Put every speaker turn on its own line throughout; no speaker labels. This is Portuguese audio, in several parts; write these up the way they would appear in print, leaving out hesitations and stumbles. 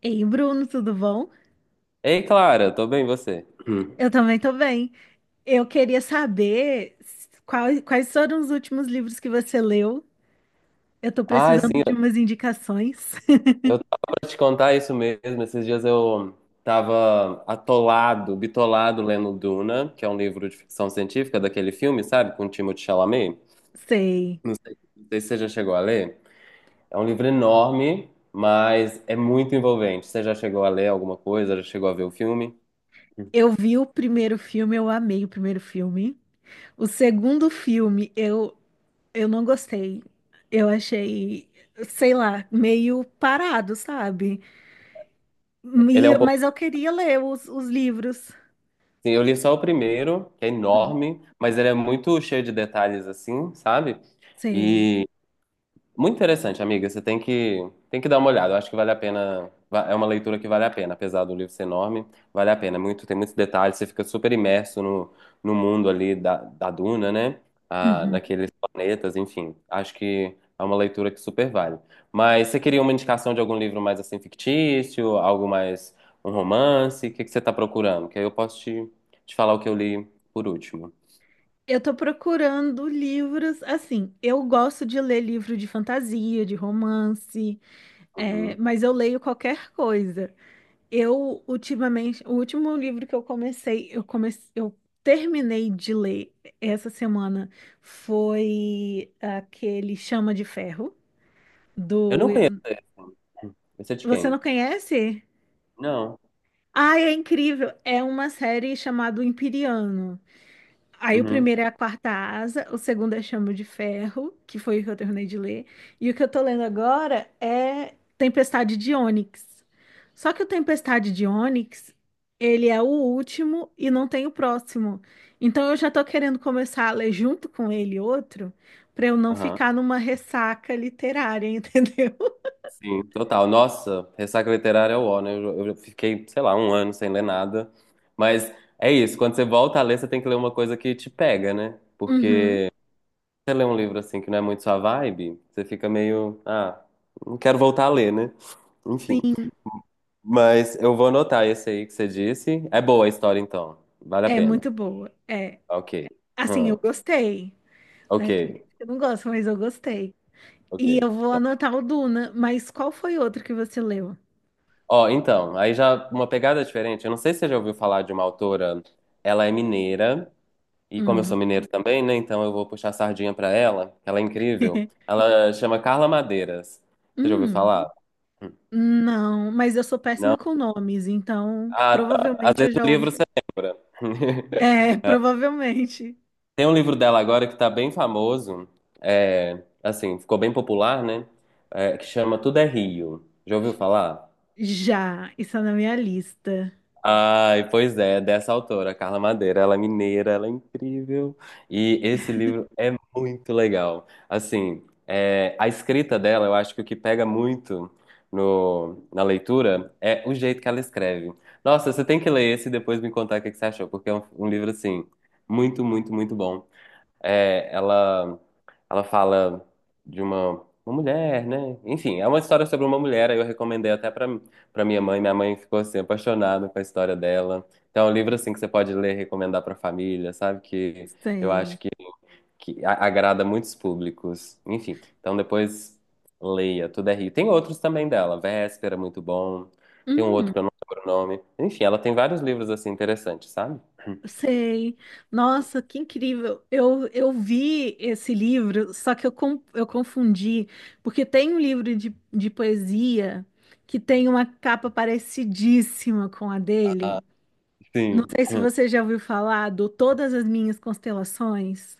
Ei, Bruno, tudo bom?
Ei, Clara, tô bem, e você? Hum.
Eu também tô bem. Eu queria saber quais foram os últimos livros que você leu. Eu tô
Ai,
precisando
sim,
de umas indicações.
eu tava pra te contar isso mesmo. Esses dias eu tava atolado, bitolado lendo Duna, que é um livro de ficção científica daquele filme, sabe? Com Timothée Chalamet.
Sei.
Não sei se você já chegou a ler. É um livro enorme, mas é muito envolvente. Você já chegou a ler alguma coisa? Já chegou a ver o filme?
Eu vi o primeiro filme, eu amei o primeiro filme. O segundo filme, eu não gostei. Eu achei, sei lá, meio parado, sabe?
Ele é um pouco
Mas eu queria ler os livros.
assim, eu li só o primeiro, que é enorme, mas ele é muito cheio de detalhes assim, sabe?
Sei.
Muito interessante, amiga. Você tem que dar uma olhada. Eu acho que vale a pena. É uma leitura que vale a pena, apesar do livro ser enorme, vale a pena. Tem muitos detalhes. Você fica super imerso no mundo ali da Duna, né? Ah,
Uhum.
naqueles planetas, enfim. Acho que é uma leitura que super vale. Mas você queria uma indicação de algum livro mais assim fictício, algo mais um romance? O que que você está procurando? Que aí eu posso te falar o que eu li por último.
Eu tô procurando livros, assim, eu gosto de ler livro de fantasia, de romance, é,
Uhum.
mas eu leio qualquer coisa. Eu, ultimamente, o último livro que eu comecei, eu terminei de ler essa semana foi aquele Chama de Ferro,
Eu
do...
não conheço esse. Esse é de
Você
quem?
não conhece?
Não.
Ai, é incrível! É uma série chamada O Imperiano. Aí o
Uhum.
primeiro é A Quarta Asa, o segundo é Chama de Ferro, que foi o que eu terminei de ler. E o que eu tô lendo agora é Tempestade de Ônix. Só que o Tempestade de Ônix, ele é o último e não tem o próximo. Então eu já tô querendo começar a ler junto com ele outro, pra eu não
Aham.
ficar numa ressaca literária, entendeu?
Sim, total. Nossa, ressaca literária é o ó, né? Eu fiquei, sei lá, um ano sem ler nada. Mas é isso, quando você volta a ler, você tem que ler uma coisa que te pega, né?
Uhum.
Porque você lê um livro assim que não é muito sua vibe, você fica meio, ah, não quero voltar a ler, né? Enfim.
Sim,
Mas eu vou anotar esse aí que você disse. É boa a história, então. Vale a
é
pena.
muito boa. É,
Ok.
assim, eu
Hum.
gostei,
Ok,
né? Tem gente que não gosta, mas eu gostei.
ok.
E eu vou
Então.
anotar o Duna, mas qual foi outro que você leu?
Ó, então, aí já uma pegada diferente. Eu não sei se você já ouviu falar de uma autora. Ela é mineira. E como eu sou
Hum,
mineiro também, né? Então eu vou puxar a sardinha pra ela, que ela é incrível. Ela chama Carla Madeiras. Você já ouviu
hum,
falar?
não, mas eu sou
Não?
péssima com nomes, então
Ah, tá. Às
provavelmente
vezes
eu já
o livro
ouvi.
você lembra.
É,
É,
provavelmente.
tem um livro dela agora que tá bem famoso, é, assim, ficou bem popular, né? É, que chama Tudo é Rio. Já ouviu falar?
Já, isso é na minha lista.
Ai, pois é, dessa autora, Carla Madeira. Ela é mineira, ela é incrível. E esse livro é muito legal. Assim, é, a escrita dela, eu acho que o que pega muito no, na leitura é o jeito que ela escreve. Nossa, você tem que ler esse e depois me contar o que que você achou, porque é um livro, assim, muito, muito, muito bom. É, ela fala de uma mulher, né? Enfim, é uma história sobre uma mulher. Aí eu recomendei até pra para minha mãe. Minha mãe ficou assim apaixonada com a história dela. Então, é um livro assim que você pode ler, e recomendar pra família, sabe? Que eu
Sei.
acho que agrada muitos públicos. Enfim, então depois leia, Tudo é Rio. Tem outros também dela, Véspera, muito bom. Tem um outro que eu
Hum,
não lembro o nome. Enfim, ela tem vários livros assim interessantes, sabe?
sei. Nossa, que incrível. Eu vi esse livro, só que eu confundi, porque tem um livro de poesia que tem uma capa parecidíssima com a dele. Não
Sim.
sei se você já ouviu falar do Todas as Minhas Constelações.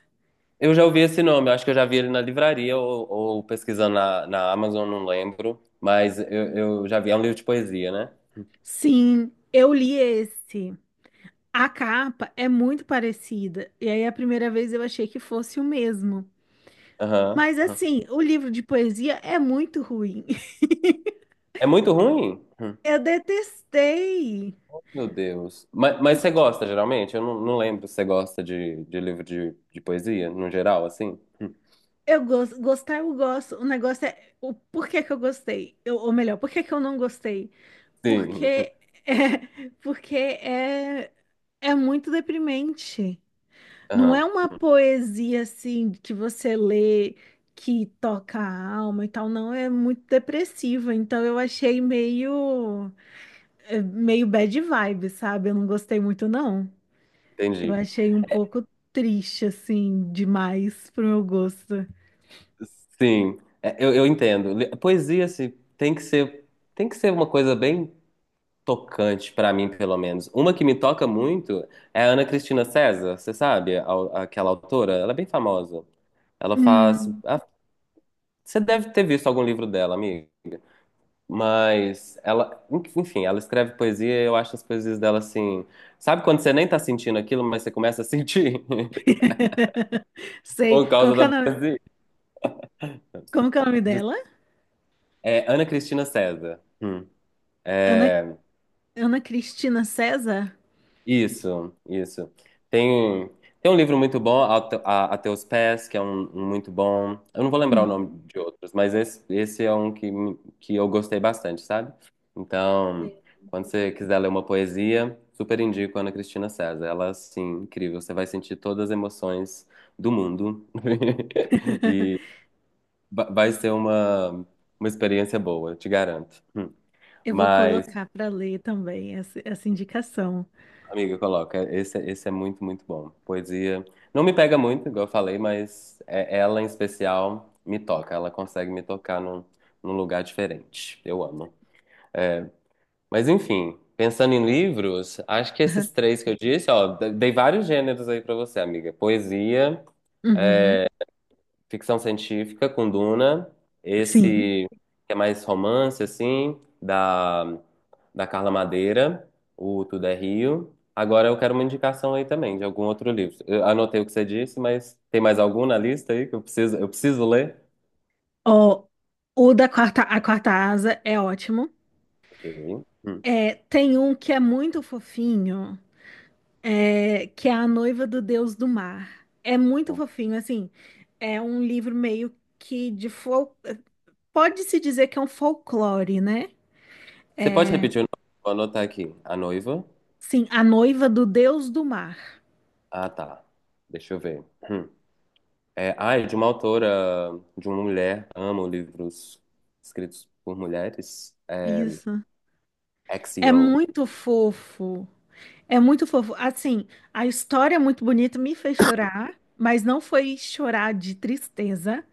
Eu já ouvi esse nome, eu acho que eu já vi ele na livraria ou pesquisando na Amazon, não lembro. Mas eu já vi, é um livro de poesia, né?
Sim, eu li esse. A capa é muito parecida. E aí, a primeira vez eu achei que fosse o mesmo. Mas,
Aham.
assim, o livro de poesia é muito ruim.
É muito ruim?
Eu detestei.
Meu Deus. Mas você
Porque
gosta, geralmente? Eu não lembro se você gosta de livro de poesia, no geral, assim?
eu gosto, gostar eu gosto. O negócio é o porquê que eu gostei. Eu, ou melhor, por que que eu não gostei?
Sim.
Porque é, porque é, é muito deprimente. Não é
Aham,
uma poesia assim que você lê que toca a alma e tal, não, é muito depressiva. Então eu achei meio meio bad vibe, sabe? Eu não gostei muito não. Eu
entendi.
achei um pouco triste assim demais pro meu gosto.
Sim, é, eu entendo. Poesia, assim, tem que ser, tem que ser uma coisa bem tocante pra mim, pelo menos. Uma que me toca muito é a Ana Cristina César, você sabe? Aquela autora, ela é bem famosa. Ela faz.
Hum.
Ah, você deve ter visto algum livro dela, amigo. Mas ela, enfim, ela escreve poesia e eu acho as poesias dela assim. Sabe quando você nem tá sentindo aquilo, mas você começa a sentir
Sei,
por causa da poesia?
como que é o nome dela?
É Ana Cristina César. Hum.
Ana Ana Cristina César?
Isso, isso. Tem, tem um livro muito bom, A Teus Pés, que é um muito bom. Eu não vou lembrar o nome
Uhum.
de outros, mas esse é um que eu gostei bastante, sabe? Então, quando você quiser ler uma poesia, super indico Ana Cristina César. Ela, assim, incrível. Você vai sentir todas as emoções do mundo e vai ser uma experiência boa, te garanto. Hum.
Eu vou
Mas.
colocar para ler também essa indicação.
Amiga, coloca. Esse é muito, muito bom. Poesia. Não me pega muito, igual eu falei, mas ela em especial me toca. Ela consegue me tocar num lugar diferente. Eu amo. Mas enfim, pensando em livros, acho que esses três que eu disse, ó, dei vários gêneros aí pra você, amiga. Poesia.
Uhum,
Ficção científica com Duna,
sim.
esse que é mais romance, assim, da Carla Madeira, o Tudo é Rio. Agora eu quero uma indicação aí também de algum outro livro. Eu anotei o que você disse, mas tem mais algum na lista aí que eu preciso ler?
Ó, a quarta asa é ótimo.
Ok. Hum.
É, tem um que é muito fofinho, que é A Noiva do Deus do Mar. É muito fofinho, assim. É um livro meio que de fol... Pode-se dizer que é um folclore, né?
Você pode repetir o nome? Vou anotar aqui. A Noiva.
Sim, A Noiva do Deus do Mar.
Ah, tá. Deixa eu ver. Hum. É, ah, é de uma autora, de uma mulher. Amo livros escritos por mulheres. É,
Isso. É
Axio.
muito fofo. É muito fofo. Assim, a história é muito bonita, me fez chorar, mas não foi chorar de tristeza.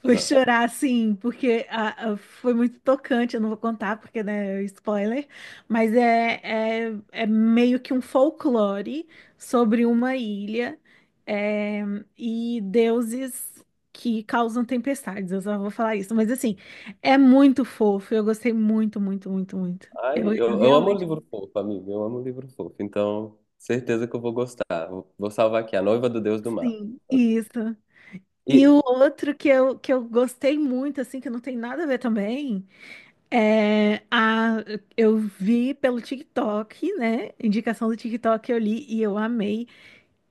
Foi chorar, sim, porque foi muito tocante. Eu não vou contar, porque, né, é spoiler. Mas é meio que um folclore sobre uma ilha, é, e deuses que causam tempestades. Eu só vou falar isso. Mas, assim, é muito fofo. Eu gostei muito, muito, muito, muito.
Ai, eu,
Eu
eu amo
realmente.
livro fofo, amigo. Eu amo livro fofo. Então, certeza que eu vou gostar. Vou salvar aqui, A Noiva do Deus do Mar.
Sim, isso. E o
E,
outro que que eu gostei muito, assim, que não tem nada a ver também. É, a, eu vi pelo TikTok, né? Indicação do TikTok eu li e eu amei,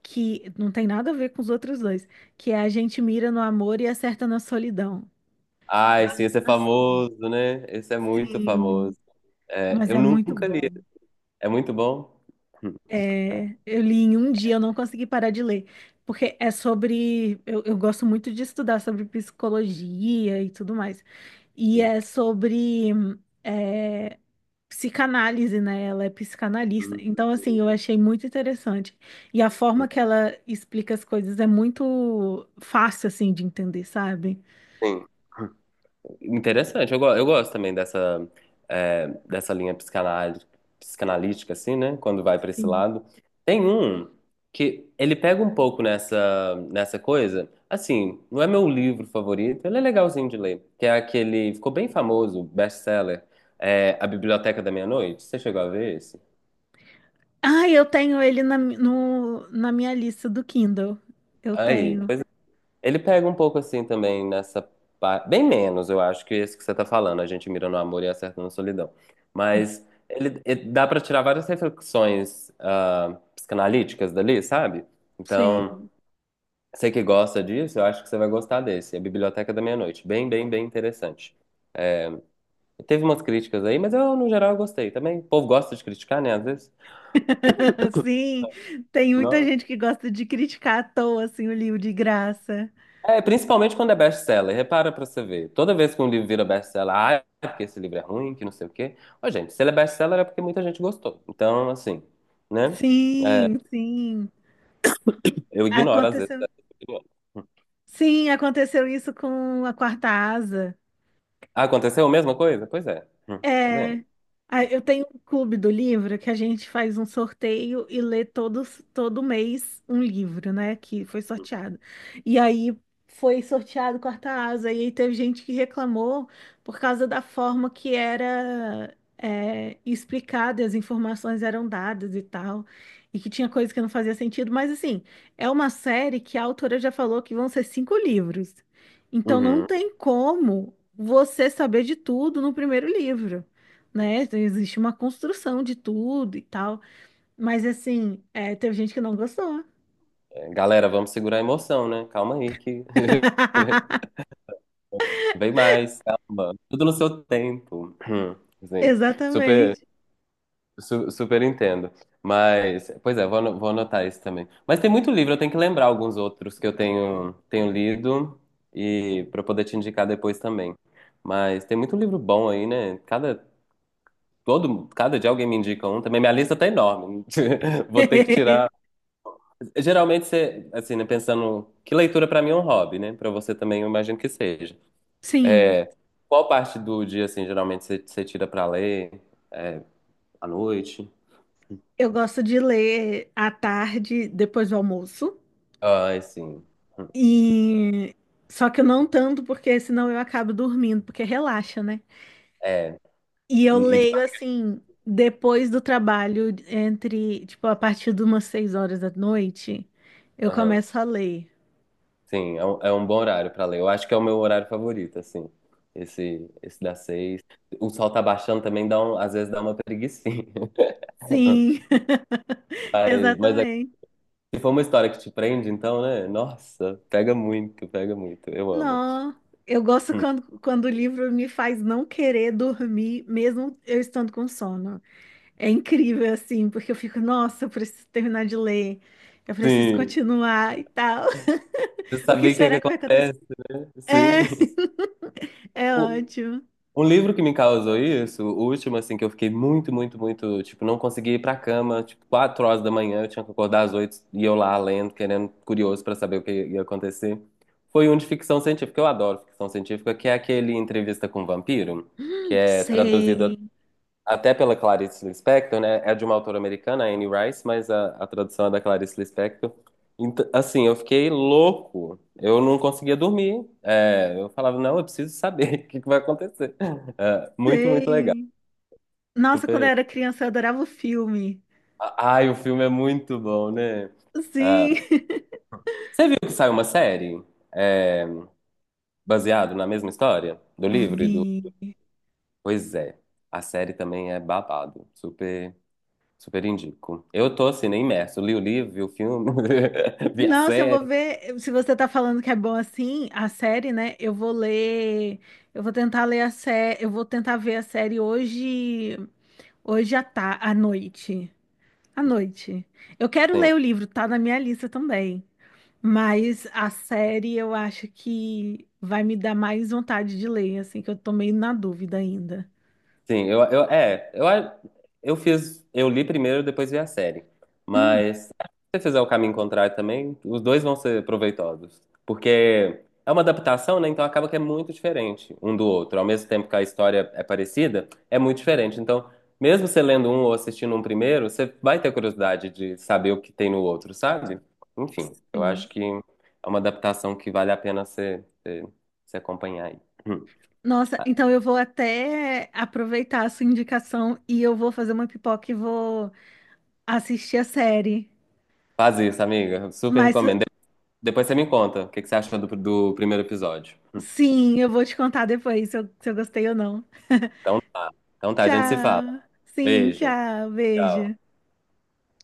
que não tem nada a ver com os outros dois, que é a gente mira no amor e acerta na solidão.
ai,
Da
sim, esse é
animação.
famoso, né? Esse é muito
Sim,
famoso. É,
mas
eu
é muito
nunca li.
bom.
É muito bom? Hum, Tá.
É, eu li em um dia, eu não consegui parar de ler, porque é sobre. Eu gosto muito de estudar sobre psicologia e tudo mais. E
Hum,
é sobre. É, psicanálise, né? Ela é psicanalista.
hum,
Então, assim, eu achei muito interessante. E a forma
hum.
que ela explica as coisas é muito fácil, assim, de entender, sabe?
Sim. Interessante, eu gosto também dessa linha psicanalítica, assim, né? Quando vai para esse
Sim.
lado. Tem um que ele pega um pouco nessa coisa, assim, não é meu livro favorito, ele é legalzinho de ler, que é aquele, ficou bem famoso, best-seller, é, A Biblioteca da Meia-Noite. Você chegou a ver esse?
Ah, eu tenho ele na, mi- no, na minha lista do Kindle. Eu
Aí.
tenho.
Ele pega um pouco assim também nessa parte. Bem menos, eu acho, que esse que você tá falando. A gente mira no amor e acerta na solidão. Mas ele dá pra tirar várias reflexões psicanalíticas dali, sabe?
Sim.
Então, você que gosta disso, eu acho que você vai gostar desse. É a Biblioteca da Meia-Noite. Bem, bem, bem interessante. Teve umas críticas aí, mas eu, no geral, eu gostei também. O povo gosta de criticar, né? Às vezes.
Sim, tem muita gente que gosta de criticar à toa, assim, o livro de graça.
É, principalmente quando é best-seller. Repara pra você ver. Toda vez que um livro vira best-seller, ah, é porque esse livro é ruim, que não sei o quê. Ô, gente, se ele é best-seller é porque muita gente gostou. Então, assim, né?
Sim, sim.
Eu ignoro às vezes
Aconteceu.
essa opinião.
Sim, aconteceu isso com a Quarta Asa.
Ah, aconteceu a mesma coisa? Pois é. Tá vendo?
É, ah, eu tenho um clube do livro que a gente faz um sorteio e lê todo mês um livro, né? Que foi sorteado. E aí foi sorteado Quarta Asa, e aí teve gente que reclamou por causa da forma que era é, explicada, as informações eram dadas e tal, e que tinha coisa que não fazia sentido. Mas assim, é uma série que a autora já falou que vão ser cinco livros. Então não
Uhum.
tem como você saber de tudo no primeiro livro, né? Então, existe uma construção de tudo e tal. Mas assim, é, teve gente que não gostou.
É, galera, vamos segurar a emoção, né? Calma aí que vem mais, calma. Tudo no seu tempo. Assim, super
Exatamente.
super entendo. Mas, pois é, vou anotar isso também. Mas tem muito livro, eu tenho que lembrar alguns outros que eu tenho lido e para poder te indicar depois também. Mas tem muito livro bom aí, né? Cada dia alguém me indica um também. Minha lista tá enorme. Vou ter que tirar. Geralmente você, assim, né, pensando que leitura para mim é um hobby, né? Para você também eu imagino que seja.
Sim,
Qual parte do dia, assim, geralmente você tira para ler? É, à noite?
eu gosto de ler à tarde, depois do almoço.
Ah, sim. Hum.
E só que eu não tanto, porque senão eu acabo dormindo, porque relaxa, né?
É.
E eu
E
leio assim, depois do trabalho, entre, tipo, a partir de umas 6 horas da noite, eu
aham.
começo a ler.
Sim, é um bom horário pra ler. Eu acho que é o meu horário favorito, assim. Esse das 6. O sol tá baixando também, às vezes dá uma preguicinha.
Sim,
Mas
exatamente.
se for uma história que te prende, então, né? Nossa, pega muito, pega muito. Eu amo.
Não, eu gosto quando o livro me faz não querer dormir, mesmo eu estando com sono. É incrível, assim, porque eu fico, nossa, eu preciso terminar de ler, eu preciso
Sim.
continuar e tal.
Você
O que
saber o que é que
será que vai acontecer?
acontece. Sim.
É, é ótimo.
Um livro que me causou isso, o último, assim, que eu fiquei muito, muito, muito, tipo, não consegui ir pra cama, tipo, 4 horas da manhã, eu tinha que acordar às 8 e eu lá lendo, querendo, curioso pra saber o que ia acontecer. Foi um de ficção científica, eu adoro ficção científica, que é aquele Entrevista com o Vampiro, que é traduzido
Sei,
até pela Clarice Lispector, né? É de uma autora americana, Anne Rice, mas a tradução é da Clarice Lispector. Então, assim, eu fiquei louco. Eu não conseguia dormir. É, eu falava, não, eu preciso saber o que que vai acontecer. É, muito, muito legal.
sei. Nossa, quando eu
Super.
era criança, eu adorava o filme.
Ai, o filme é muito bom, né?
Sim,
Você viu que saiu uma série, é, baseado na mesma história do livro e do.
vi.
Pois é, a série também é babado. Super. Super indico. Eu tô assim, nem imerso. Li o livro, vi o filme, vi a
Nossa, eu vou
série.
ver. Se você tá falando que é bom assim, a série, né? Eu vou ler. Eu vou tentar ler a série. Eu vou tentar ver a série hoje. À noite. À noite. Eu quero
Sim.
ler o livro, tá na minha lista também. Mas a série eu acho que vai me dar mais vontade de ler, assim, que eu tô meio na dúvida ainda.
Sim, eu é, eu fiz, eu li primeiro, depois vi a série.
Hum,
Mas se você fizer o caminho contrário também, os dois vão ser proveitosos, porque é uma adaptação, né? Então acaba que é muito diferente um do outro. Ao mesmo tempo que a história é parecida, é muito diferente. Então, mesmo você lendo um ou assistindo um primeiro, você vai ter curiosidade de saber o que tem no outro, sabe? Enfim, eu
sim.
acho que é uma adaptação que vale a pena você acompanhar aí. Hum.
Nossa, então eu vou até aproveitar a sua indicação e eu vou fazer uma pipoca e vou. Assisti a série.
Faz isso, amiga. Super
Mas
recomendo. Depois você me conta o que que você achou do primeiro episódio.
sim, eu vou te contar depois se se eu gostei ou não.
Então tá. Então tá, a gente se fala.
Tchau. Sim,
Beijo.
tchau. Beijo.
Tchau.